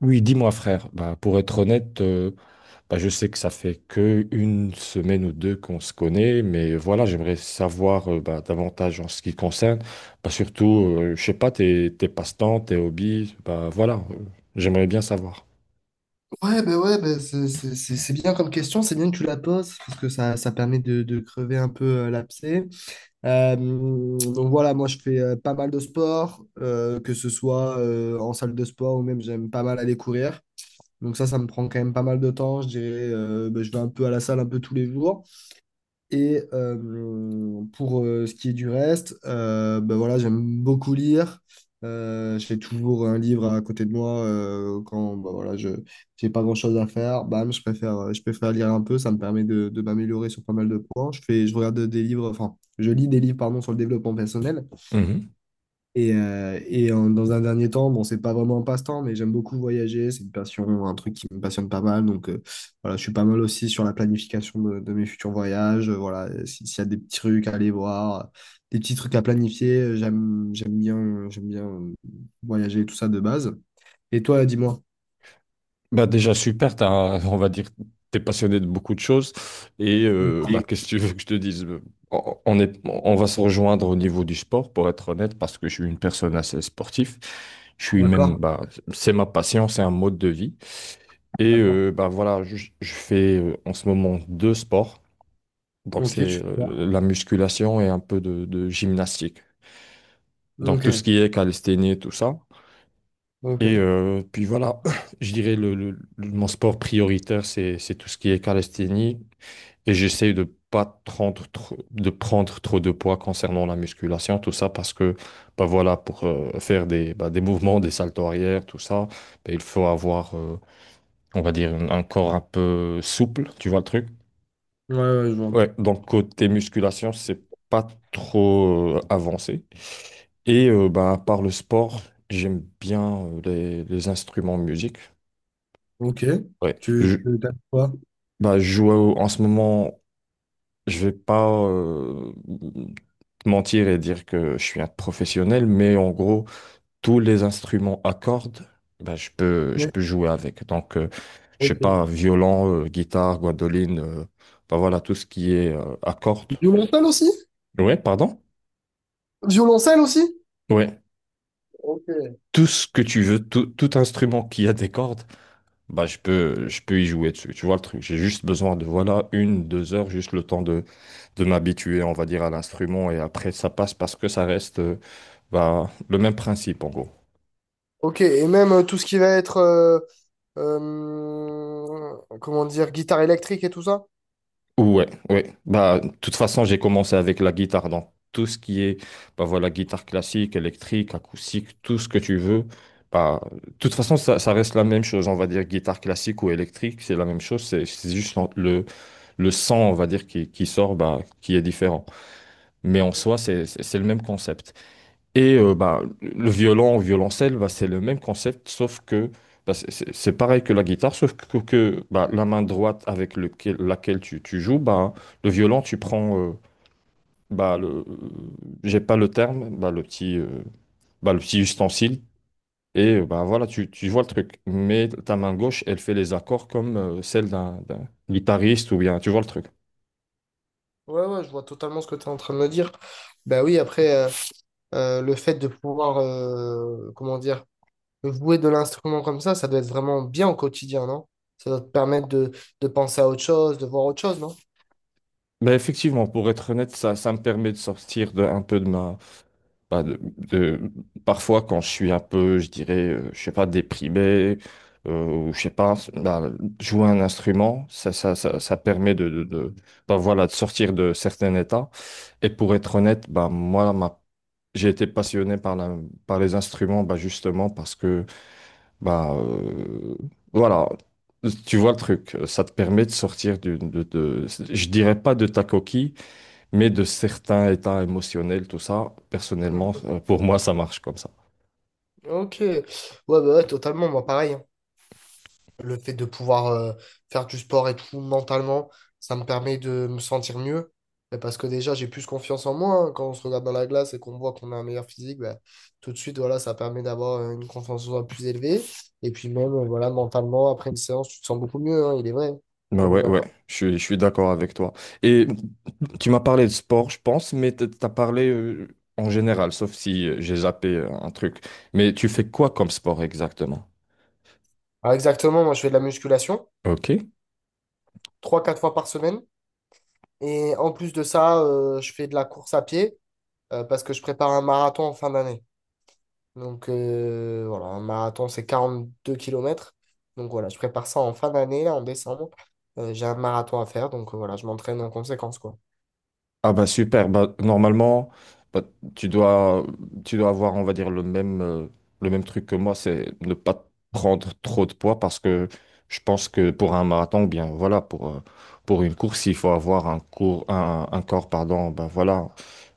Oui, dis-moi frère, bah, pour être honnête, bah, je sais que ça fait que une semaine ou deux qu'on se connaît, mais voilà, j'aimerais savoir bah, davantage en ce qui concerne, bah, surtout, je sais pas, tes passe-temps, tes hobbies, bah, voilà, j'aimerais bien savoir. Ouais, ben c'est bien comme question, c'est bien que tu la poses, parce que ça permet de crever un peu l'abcès. Donc voilà, moi je fais pas mal de sport, que ce soit en salle de sport ou même j'aime pas mal aller courir. Donc ça me prend quand même pas mal de temps, je dirais, ben, je vais un peu à la salle un peu tous les jours. Et pour ce qui est du reste, ben voilà, j'aime beaucoup lire. J'ai toujours un livre à côté de moi quand ben voilà, je j'ai pas grand-chose à faire. Bam, je préfère lire un peu. Ça me permet de m'améliorer sur pas mal de points. Je fais, je regarde des livres, enfin, je lis des livres pardon, sur le développement personnel. Et, et dans un dernier temps, bon, c'est pas vraiment un passe-temps, mais j'aime beaucoup voyager. C'est une passion, un truc qui me passionne pas mal. Donc, voilà, je suis pas mal aussi sur la planification de mes futurs voyages. Voilà, s'il y a des petits trucs à aller voir, des petits trucs à planifier, j'aime bien voyager, tout ça de base. Et toi, dis-moi. Bah déjà super, on va dire t'es passionné de beaucoup de choses et bah, Mm. qu'est-ce que tu veux que je te dise? On est, on va se rejoindre au niveau du sport pour être honnête parce que je suis une personne assez sportive. Je suis même D'accord, bah c'est ma passion, c'est un mode de vie et d'accord. Bah voilà je fais en ce moment deux sports donc Ok, tu c'est fais quoi? La musculation et un peu de gymnastique donc Ok, tout ce qui est calisthénie tout ça. ok. Ouais, Et puis voilà, je dirais mon sport prioritaire, c'est tout ce qui est calisthénie. Et j'essaye de pas prendre trop, de prendre trop de poids concernant la musculation, tout ça, parce que bah voilà, pour faire des, bah, des mouvements, des saltos arrière, tout ça, bah, il faut avoir, on va dire, un corps un peu souple, tu vois le truc? ouais, je vois. Ouais, donc côté musculation, c'est pas trop avancé. Et bah, par le sport, j'aime bien les instruments de musique. Ok. Ouais. Tu tapes quoi? Bah, en ce moment, je vais pas te mentir et dire que je suis un professionnel, mais en gros, tous les instruments à cordes, bah, je Ouais. peux jouer avec. Donc, je sais pas, Ok. violon, guitare, guadoline, bah voilà, tout ce qui est à cordes. Violoncelle aussi? Ouais, pardon? Violoncelle aussi? Ouais. Ok, Tout ce que tu veux, tout instrument qui a des cordes, bah, je peux y jouer dessus. Tu vois le truc? J'ai juste besoin de, voilà, une, deux heures, juste le temps de m'habituer, on va dire, à l'instrument et après ça passe parce que ça reste bah, le même principe en gros. ok, et même tout ce qui va être, comment dire, guitare électrique et tout ça? Ouais, ouais. Bah, de toute façon, j'ai commencé avec la guitare, donc tout ce qui est, bah voilà, guitare classique, électrique, acoustique, tout ce que tu veux. Bah, de toute façon, ça reste la même chose, on va dire, guitare classique ou électrique, c'est la même chose, c'est juste le son, on va dire, qui sort, bah, qui est différent. Mais en soi, c'est le même concept. Et bah, le violon, violoncelle, bah, c'est le même concept, sauf que bah, c'est pareil que la guitare, sauf que, bah, la main droite laquelle tu joues, bah, le violon, tu prends bah, j'ai pas le terme, bah, le petit ustensile, et bah, voilà, tu vois le truc. Mais ta main gauche, elle fait les accords comme celle d'un guitariste, ou bien, tu vois le truc. Ouais, ouais, je vois totalement ce que tu es en train de me dire. Bah oui, après, le fait de pouvoir, comment dire, jouer de l'instrument comme ça doit être vraiment bien au quotidien, non? Ça doit te permettre de penser à autre chose, de voir autre chose, non? Bah, effectivement, pour être honnête, ça me permet de sortir de, un peu de ma Bah, parfois, quand je suis un peu, je dirais, je sais pas, déprimé, ou je sais pas, bah, jouer un instrument, ça permet bah, voilà, de sortir de certains états. Et pour être honnête, bah, moi, j'ai été passionné par par les instruments, bah, justement, parce que, bah, voilà, tu vois le truc, ça te permet de sortir de, je dirais pas de ta coquille, mais de certains états émotionnels, tout ça, personnellement, Mhm. Pour moi, ça marche comme ça. Ok, ouais, bah ouais, totalement, moi pareil, hein. Le fait de pouvoir faire du sport et tout mentalement, ça me permet de me sentir mieux. Et parce que déjà, j'ai plus confiance en moi, hein. Quand on se regarde dans la glace et qu'on voit qu'on a un meilleur physique, bah, tout de suite, voilà, ça permet d'avoir une confiance en soi plus élevée. Et puis même, voilà, mentalement, après une séance, tu te sens beaucoup mieux, hein, il est vrai. Bah On est ouais, ouais, d'accord. Je suis d'accord avec toi. Et tu m'as parlé de sport, je pense, mais t'as parlé en général, sauf si j'ai zappé un truc. Mais tu fais quoi comme sport exactement? Alors exactement, moi, je fais de la musculation Ok. 3 4 fois par semaine. Et en plus de ça, je fais de la course à pied parce que je prépare un marathon en fin d'année. Donc voilà, un marathon, c'est 42 kilomètres. Donc voilà, je prépare ça en fin d'année, là, en décembre. J'ai un marathon à faire, donc voilà, je m'entraîne en conséquence, quoi. Ah bah super, bah, normalement bah, tu dois tu dois avoir on va dire le même truc que moi, c'est ne pas prendre trop de poids parce que je pense que pour un marathon ou bien voilà pour une course, il faut avoir un cours un corps pardon, bah voilà,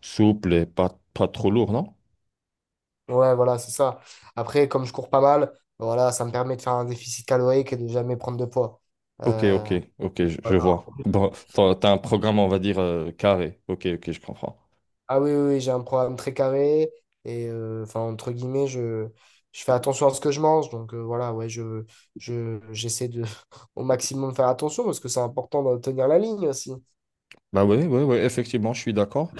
souple et pas pas trop lourd, non? Voilà, ça. Après, voilà, quoi. OK, OK, Euh, OK, je voilà. vois. Bon, t'as un programme on va dire carré. OK, OK, je comprends. Ah oui, j'ai un projet, et enfin, je, je pense, donc ah ouais, j'essaie de au maximum faire attention, parce que c'est important de tenir la ligne aussi. Bah ouais, ouais, ouais, effectivement, je suis d'accord.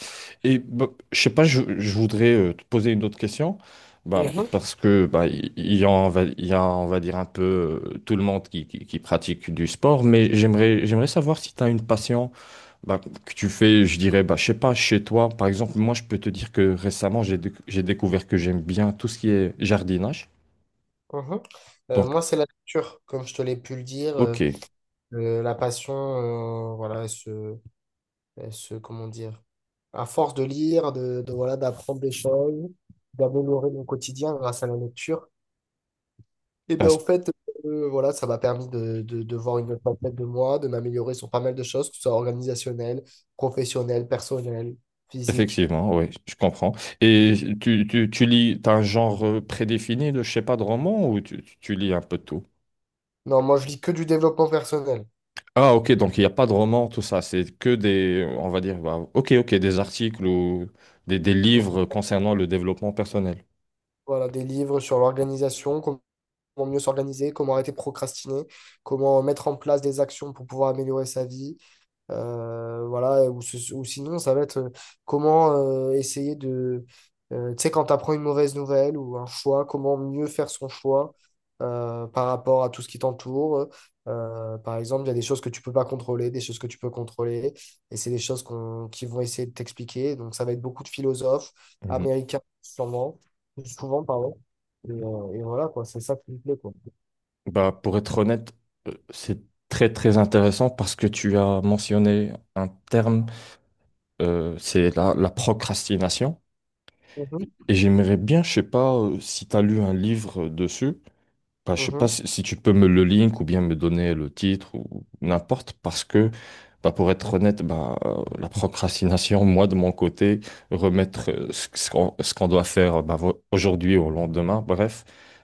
Et bah, je sais pas, je voudrais te poser une autre question, bah, Mhm. parce que bah, il y a, on va dire un peu tout le monde qui pratique du sport, mais j'aimerais savoir si tu as une passion bah, que tu fais, je dirais, bah, je sais pas, chez toi. Par exemple, moi, je peux te dire que récemment, j'ai découvert que j'aime bien tout ce qui est jardinage. Mhm. Donc, Moi, c'est la lecture, comme je te l'ai pu le dire. Ok. La passion, voilà, elle se, comment dire, à force de lire, voilà, d'apprendre des choses, d'améliorer mon quotidien grâce à la lecture, et bien Bah, au fait, voilà, ça m'a permis de voir une autre facette de moi, de m'améliorer sur pas mal de choses, que ce soit organisationnel, professionnel, personnel, physique. effectivement, oui, je comprends. Et tu lis, t'as un genre prédéfini de, je sais pas, de roman ou tu lis un peu de tout? Non, moi je lis que du développement personnel. Ah, ok, donc il n'y a pas de roman, tout ça, c'est que des, on va dire, bah, ok, des articles ou des Non, livres concernant le développement personnel. voilà, des livres sur l'organisation, comment mieux s'organiser, comment arrêter de procrastiner, comment mettre en place des actions pour pouvoir améliorer sa vie. Voilà, ou, ou sinon, ça va être comment essayer de. Tu sais, quand tu apprends une mauvaise nouvelle ou un choix, comment mieux faire son choix par rapport à tout ce qui t'entoure. Par exemple, il y a des choses que tu peux pas contrôler, des choses que tu peux contrôler, et c'est des choses qui vont essayer de t'expliquer. Donc, ça va être beaucoup de philosophes Mhm. américains, sûrement, souvent, pardon. Et, et voilà, quoi, c'est ça qui me plaît, quoi. Bah, pour être honnête, c'est très intéressant parce que tu as mentionné un terme, c'est la procrastination. Mhm, Et j'aimerais bien, je sais pas, si tu as lu un livre dessus. Bah, je sais pas si, si tu peux me le link ou bien me donner le titre ou n'importe, parce que bah, pour être honnête, bah, la procrastination, moi de mon côté, remettre ce qu'on doit faire bah, aujourd'hui au lendemain, bref,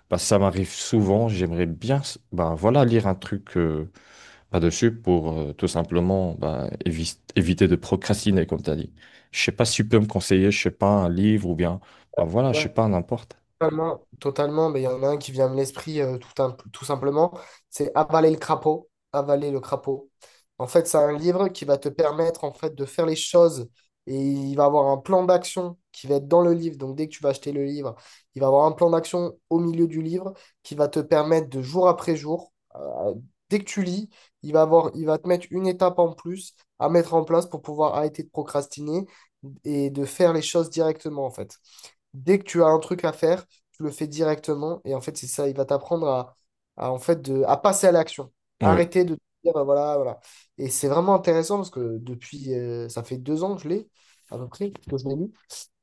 bah, ça m'arrive souvent. Bah, voilà, lire un truc là-dessus pour tout simplement bah, éviter de procrastiner, comme tu as dit. Je sais pas si tu peux me conseiller, je sais pas, un livre ou bien, bah, voilà, je sais mhm. pas, n'importe. Totalement, totalement, mais il y en a un qui vient de l'esprit tout, tout simplement, c'est avaler le crapaud, avaler le crapaud. En fait, c'est un livre qui va te permettre en fait de faire les choses et il va avoir un plan d'action qui va être dans le livre. Donc dès que tu vas acheter le livre, il va avoir un plan d'action au milieu du livre qui va te permettre de jour après jour, dès que tu lis, il va avoir, il va te mettre une étape en plus à mettre en place pour pouvoir arrêter de procrastiner et de faire les choses directement en fait dès que tu as un truc à faire, tu le fais directement. Et en fait, c'est ça, il va t'apprendre à, en fait, de, à passer à l'action. Ouais. Arrêter de te dire, bah, voilà, voilà. Et c'est vraiment intéressant parce que depuis, ça fait 2 ans que je l'ai, à peu près, que je l'ai lu.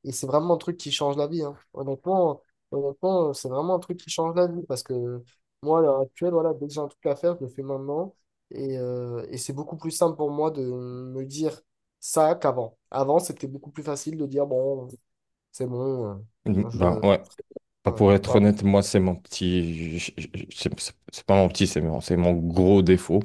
Et c'est vraiment un truc qui change la vie, hein. Honnêtement, honnêtement, c'est vraiment un truc qui change la vie parce que moi, à l'heure actuelle, voilà, dès que j'ai un truc à faire, je le fais maintenant. Et, et c'est beaucoup plus simple pour moi de me dire ça qu'avant. Avant, c'était beaucoup plus facile de dire, bon, c'est bon. Mm, euh, je, ben euh, ouais. Enfin, pour être voilà. honnête, moi, c'est mon petit. C'est c'est pas mon petit, c'est c'est mon gros défaut.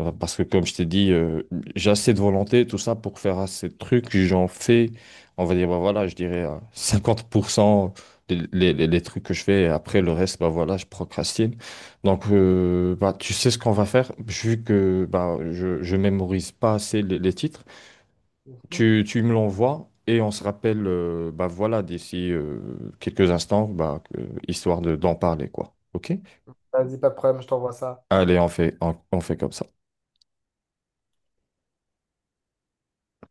Parce que, comme je t'ai dit, j'ai assez de volonté, tout ça, pour faire assez de trucs. J'en fais, on va dire, bah voilà, je dirais à 50% les trucs que je fais. Et après, le reste, bah voilà, je procrastine. Donc, bah, tu sais ce qu'on va faire. Vu que bah, je mémorise pas assez les titres, tu me l'envoies et on se rappelle, bah voilà, d'ici quelques instants, bah, histoire de, d'en parler, quoi. OK? Vas-y, pas de problème, je t'envoie ça. Allez, on fait, on fait comme ça.